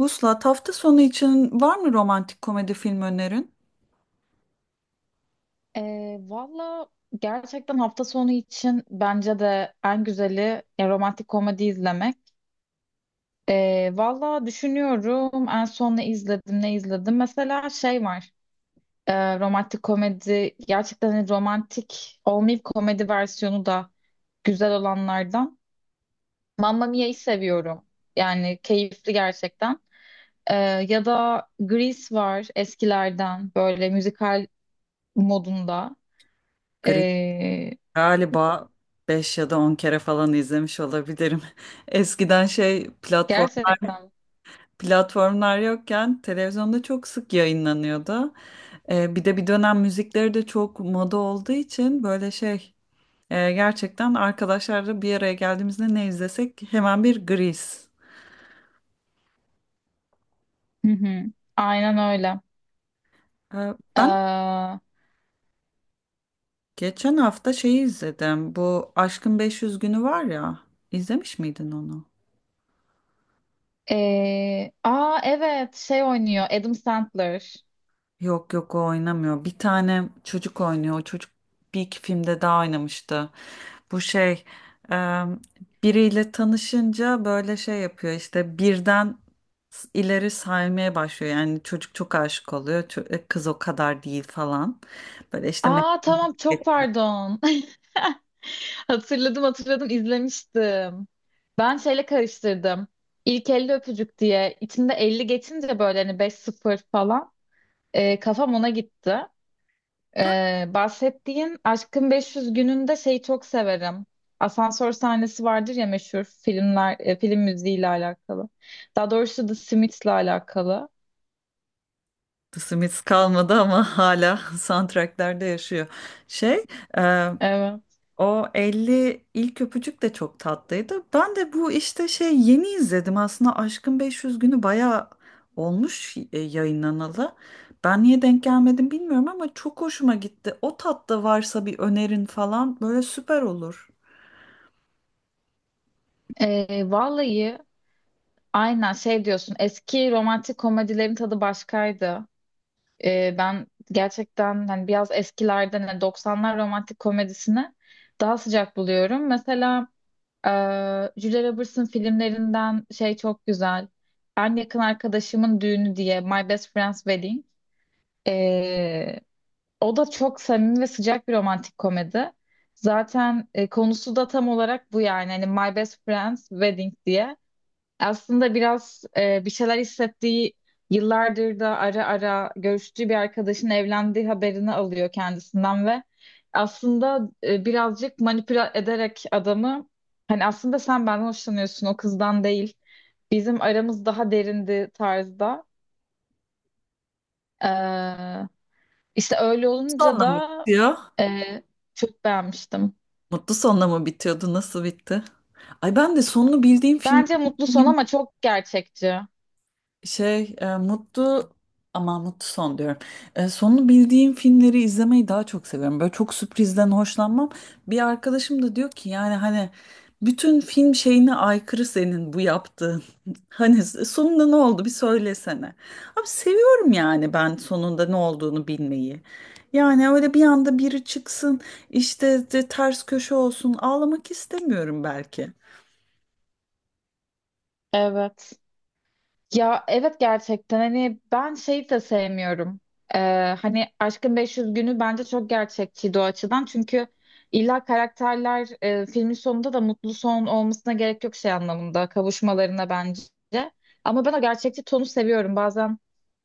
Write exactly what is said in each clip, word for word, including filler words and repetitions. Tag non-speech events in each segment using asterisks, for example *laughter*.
Vuslat, hafta sonu için var mı romantik komedi film önerin? Ee, valla gerçekten hafta sonu için bence de en güzeli e, romantik komedi izlemek. Ee, valla düşünüyorum en son ne izledim ne izledim. Mesela şey var, e, romantik komedi gerçekten, hani romantik olmayıp komedi versiyonu da güzel olanlardan. Mamma Mia'yı seviyorum. Yani keyifli gerçekten. Ee, Ya da Grease var eskilerden, böyle müzikal modunda. Gri Ee, galiba beş ya da on kere falan izlemiş olabilirim. *laughs* Eskiden şey platform Gerçekten. platformlar yokken televizyonda çok sık yayınlanıyordu. Ee, bir de bir dönem müzikleri de çok moda olduğu için böyle şey e, gerçekten arkadaşlarla bir araya geldiğimizde ne izlesek hemen bir Gris. Hı hı. Aynen öyle. Ee, ben Ee, geçen hafta şeyi izledim. Bu Aşkın beş yüz Günü var ya. İzlemiş miydin onu? Ee, aa, evet, şey oynuyor Adam Sandler. Yok yok, o oynamıyor. Bir tane çocuk oynuyor. O çocuk bir iki filmde daha oynamıştı. Bu şey e, biriyle tanışınca böyle şey yapıyor işte birden s- ileri saymaya başlıyor. Yani çocuk çok aşık oluyor. Ço- e, kız o kadar değil falan. Böyle işte Aa, tamam, çok Meredith pardon. *laughs* Hatırladım, hatırladım, izlemiştim. Ben şeyle karıştırdım. İlk elli öpücük diye. İçinde elli geçince böyle hani beş sıfır falan. Ee, kafam ona gitti. Ee, bahsettiğin Aşkın beş yüz gününde şeyi çok severim. Asansör sahnesi vardır ya meşhur filmler, e, film müziğiyle alakalı. Daha doğrusu The Smiths'le alakalı. Smith kalmadı ama *laughs* hala soundtracklerde yaşıyor. Şey Evet. O elli ilk öpücük de çok tatlıydı. Ben de bu işte şey yeni izledim aslında, Aşkın beş yüz günü bayağı olmuş e, yayınlanalı. Ben niye denk gelmedim bilmiyorum ama çok hoşuma gitti. O tatta varsa bir önerin falan böyle süper olur. Ee, vallahi aynen şey diyorsun. Eski romantik komedilerin tadı başkaydı. Ee, ben gerçekten hani biraz eskilerden, hani doksanlar romantik komedisini daha sıcak buluyorum. Mesela Ee, Julia Roberts'ın filmlerinden şey çok güzel. Ben yakın arkadaşımın düğünü diye My Best Friend's Wedding. Ee, O da çok samimi ve sıcak bir romantik komedi. Zaten e, konusu da tam olarak bu yani. Hani My Best Friend's Wedding diye. Aslında biraz e, bir şeyler hissettiği, yıllardır da ara ara görüştüğü bir arkadaşın evlendiği haberini alıyor kendisinden ve aslında e, birazcık manipüle ederek adamı, hani aslında sen benden hoşlanıyorsun, o kızdan değil. Bizim aramız daha derindi tarzda. Ee, işte öyle olunca Sonla mı da bitiyor? e, çok beğenmiştim. Mutlu sonla mı bitiyordu? Nasıl bitti? Ay, ben de sonunu bildiğim film, Bence mutlu son ama çok gerçekçi. Şey, e, mutlu ama mutlu son diyorum. E, sonunu bildiğim filmleri izlemeyi daha çok seviyorum. Böyle çok sürprizden hoşlanmam. Bir arkadaşım da diyor ki yani hani bütün film şeyine aykırı senin bu yaptığın. *laughs* Hani sonunda ne oldu bir söylesene. Abi seviyorum yani ben sonunda ne olduğunu bilmeyi. Yani öyle bir anda biri çıksın işte de ters köşe olsun, ağlamak istemiyorum belki. Evet. Ya evet, gerçekten hani ben şeyi de sevmiyorum. Ee, Hani Aşkın beş yüz günü bence çok gerçekçiydi o açıdan. Çünkü illa karakterler, e, filmin sonunda da mutlu son olmasına gerek yok şey anlamında, kavuşmalarına bence. Ama ben o gerçekçi tonu seviyorum bazen.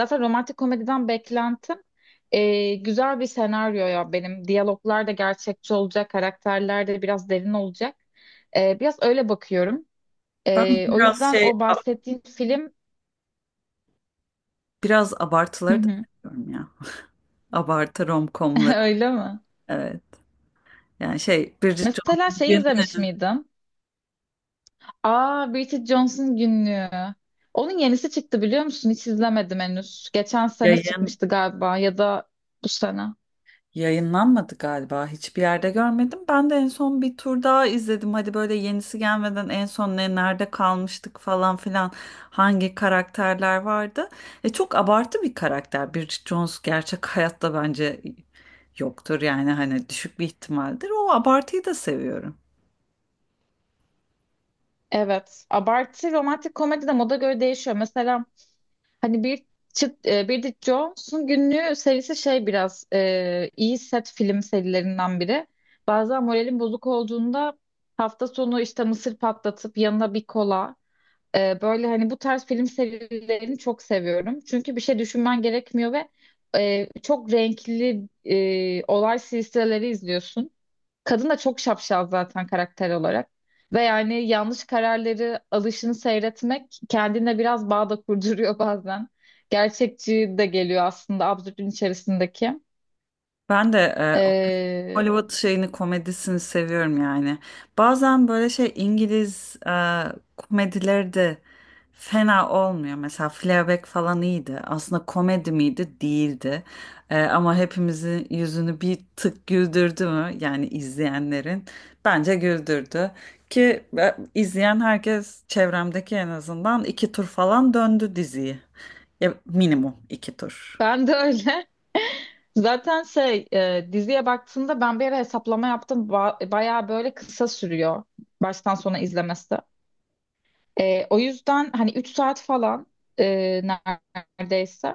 Zaten romantik komediden beklentim e, güzel bir senaryo ya benim. Diyaloglar da gerçekçi olacak, karakterler de biraz derin olacak. E, biraz öyle bakıyorum. Ben Ee, o biraz yüzden şey o bahsettiğim film. biraz Hı abartıları da hı. seviyorum ya. Abartı *laughs* romcomları. Öyle mi? Evet. Yani şey Bridget Mesela Jones'un şey, bugün izlemiş e, miydim? Aa, Bridget Jones'un Günlüğü. Onun yenisi çıktı biliyor musun? Hiç izlemedim henüz. Geçen sene yayın çıkmıştı galiba, ya da bu sene. yayınlanmadı galiba. Hiçbir yerde görmedim. Ben de en son bir tur daha izledim. Hadi böyle yenisi gelmeden en son ne nerede kalmıştık falan filan, hangi karakterler vardı. E, çok abartı bir karakter. Bridget Jones gerçek *laughs* hayatta bence yoktur. Yani hani düşük bir ihtimaldir. O abartıyı da seviyorum. Evet. Abartı romantik komedi de moda göre değişiyor. Mesela hani bir çıt- e, Bridget Jones'un Günlüğü serisi şey biraz e, iyi set film serilerinden biri. Bazen moralim bozuk olduğunda hafta sonu işte mısır patlatıp yanına bir kola. Ee, böyle hani bu tarz film serilerini çok seviyorum. Çünkü bir şey düşünmen gerekmiyor ve e, çok renkli e, olay silsileleri izliyorsun. Kadın da çok şapşal zaten karakter olarak. Ve yani yanlış kararları alışını seyretmek kendine biraz bağ da kurduruyor *laughs* bazen. Gerçekçi de geliyor aslında, absürdün içerisindeki. Ben de e, Ee, Hollywood şeyini komedisini seviyorum yani. Bazen böyle şey İngiliz e, komedileri de fena olmuyor. Mesela Fleabag falan iyiydi. Aslında komedi miydi? Değildi. E, ama hepimizin yüzünü bir tık güldürdü mü? Yani izleyenlerin bence güldürdü. Ki e, izleyen herkes çevremdeki en azından iki tur falan döndü diziyi. Ya, minimum iki tur. Ben de öyle. *laughs* Zaten şey, e, diziye baktığımda ben bir ara hesaplama yaptım. Ba- bayağı böyle kısa sürüyor baştan sona izlemesi. E, o yüzden hani üç saat falan e, neredeyse.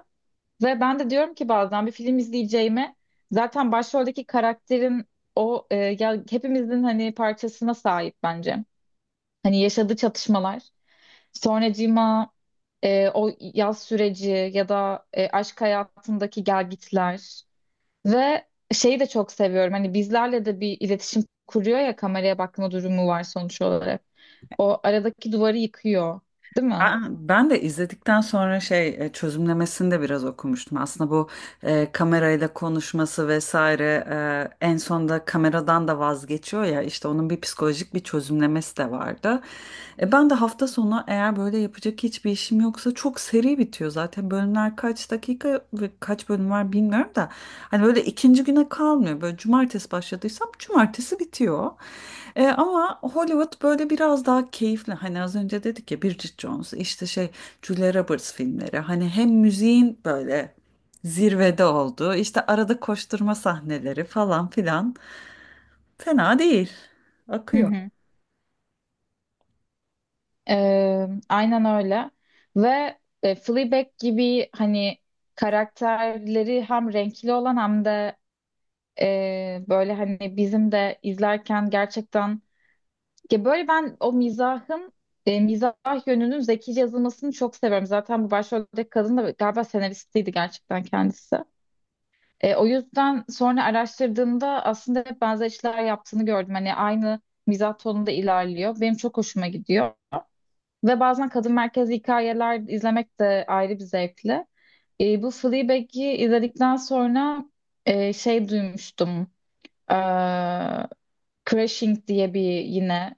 Ve ben de diyorum ki bazen bir film izleyeceğime, zaten başroldeki karakterin o, e, ya hepimizin hani parçasına sahip bence. Hani yaşadığı çatışmalar, sonracığıma e, o yaz süreci, ya da e, aşk hayatındaki gelgitler. Ve şeyi de çok seviyorum. Hani bizlerle de bir iletişim kuruyor ya, kameraya bakma durumu var sonuç olarak. O aradaki duvarı yıkıyor, değil mi? Ben, ben de izledikten sonra şey e, çözümlemesini de biraz okumuştum. Aslında bu e, kamerayla konuşması vesaire e, en sonunda kameradan da vazgeçiyor ya, işte onun bir psikolojik bir çözümlemesi de vardı. E, ben de hafta sonu eğer böyle yapacak hiçbir işim yoksa, çok seri bitiyor zaten, bölümler kaç dakika ve kaç bölüm var bilmiyorum da hani böyle ikinci güne kalmıyor, böyle cumartesi başladıysam cumartesi bitiyor. E, ama Hollywood böyle biraz daha keyifli. Hani az önce dedik ya, Bridget Jones, işte şey Julia Roberts filmleri. Hani hem müziğin böyle zirvede oldu. İşte arada koşturma sahneleri falan filan. Fena değil. Hı Akıyor. hı. Ee, aynen öyle. Ve e, Fleabag gibi hani karakterleri hem renkli olan, hem de e, böyle hani bizim de izlerken gerçekten, ya böyle ben o mizahın, e, mizah yönünün zekice yazılmasını çok seviyorum. Zaten bu başroldeki kadın da galiba senaristiydi gerçekten kendisi. E, o yüzden sonra araştırdığımda aslında hep benzer işler yaptığını gördüm. Hani aynı mizah tonunda ilerliyor. Benim çok hoşuma gidiyor. Ve bazen kadın merkezli hikayeler izlemek de ayrı bir zevkli. E, bu Fleabag'i izledikten sonra e, şey duymuştum. E, Crashing diye bir yine.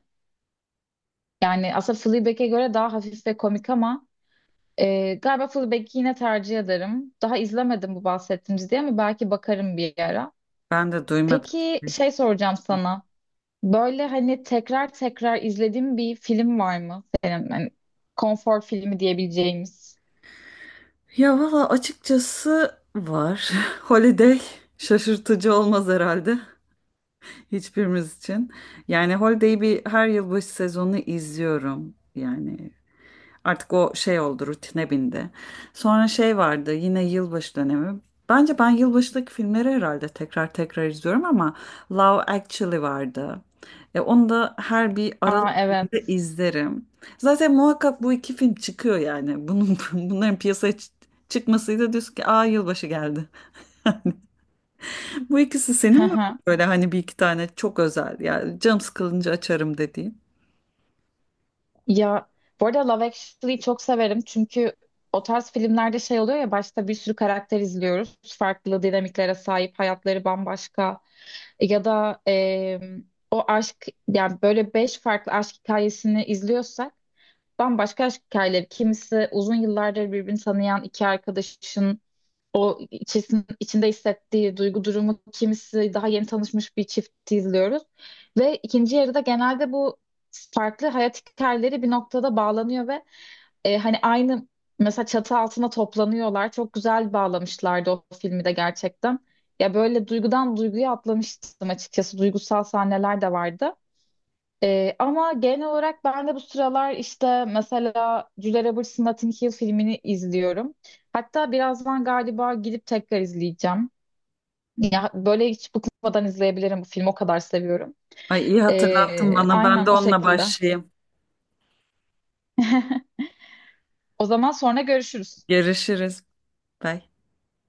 Yani aslında Fleabag'e göre daha hafif ve komik ama e, galiba Fleabag'i yine tercih ederim. Daha izlemedim bu bahsettiğim diye, ama belki bakarım bir ara. Ben de duymadım. Peki şey, soracağım sana. Böyle hani tekrar tekrar izlediğin bir film var mı senin? Hani konfor filmi diyebileceğimiz. Ya valla, açıkçası var. *laughs* Holiday şaşırtıcı olmaz herhalde hiçbirimiz için. Yani Holiday'i bir her yılbaşı sezonu izliyorum. Yani Artık o şey oldu, rutine bindi. Sonra şey vardı, yine yılbaşı dönemi. Bence ben yılbaşındaki filmleri herhalde tekrar tekrar izliyorum ama Love Actually vardı. E, onu da her bir Aralık Aa, ayında evet. izlerim. Zaten muhakkak bu iki film çıkıyor yani. Bunun, *laughs* bunların piyasaya çı- çıkmasıyla diyorsun ki aa, yılbaşı geldi. *laughs* Bu ikisi *laughs* Hı senin var mı hı. böyle hani, bir iki tane çok özel yani canım sıkılınca açarım dediğin? Ya bu arada Love Actually'yi çok severim çünkü o tarz filmlerde şey oluyor ya, başta bir sürü karakter izliyoruz. Farklı dinamiklere sahip, hayatları bambaşka. Ya da eee, o aşk yani, böyle beş farklı aşk hikayesini izliyorsak, bambaşka aşk hikayeleri. Kimisi uzun yıllardır birbirini tanıyan iki arkadaşın o içerisinde içinde hissettiği duygu durumu, kimisi daha yeni tanışmış bir çifti izliyoruz. Ve ikinci yarıda genelde bu farklı hayat hikayeleri bir noktada bağlanıyor ve e, hani aynı mesela çatı altına toplanıyorlar. Çok güzel bağlamışlardı o filmi de gerçekten. Ya böyle duygudan duyguya atlamıştım açıkçası. Duygusal sahneler de vardı. Ee, ama genel olarak ben de bu sıralar işte mesela Julia Roberts'ın Notting Hill filmini izliyorum. Hatta birazdan galiba gidip tekrar izleyeceğim. Ya, böyle hiç bıkmadan izleyebilirim bu filmi, o kadar seviyorum. Ay iyi hatırlattın Ee, bana, ben de Aynen o onunla şekilde. başlayayım. O zaman sonra görüşürüz. Görüşürüz. Bye.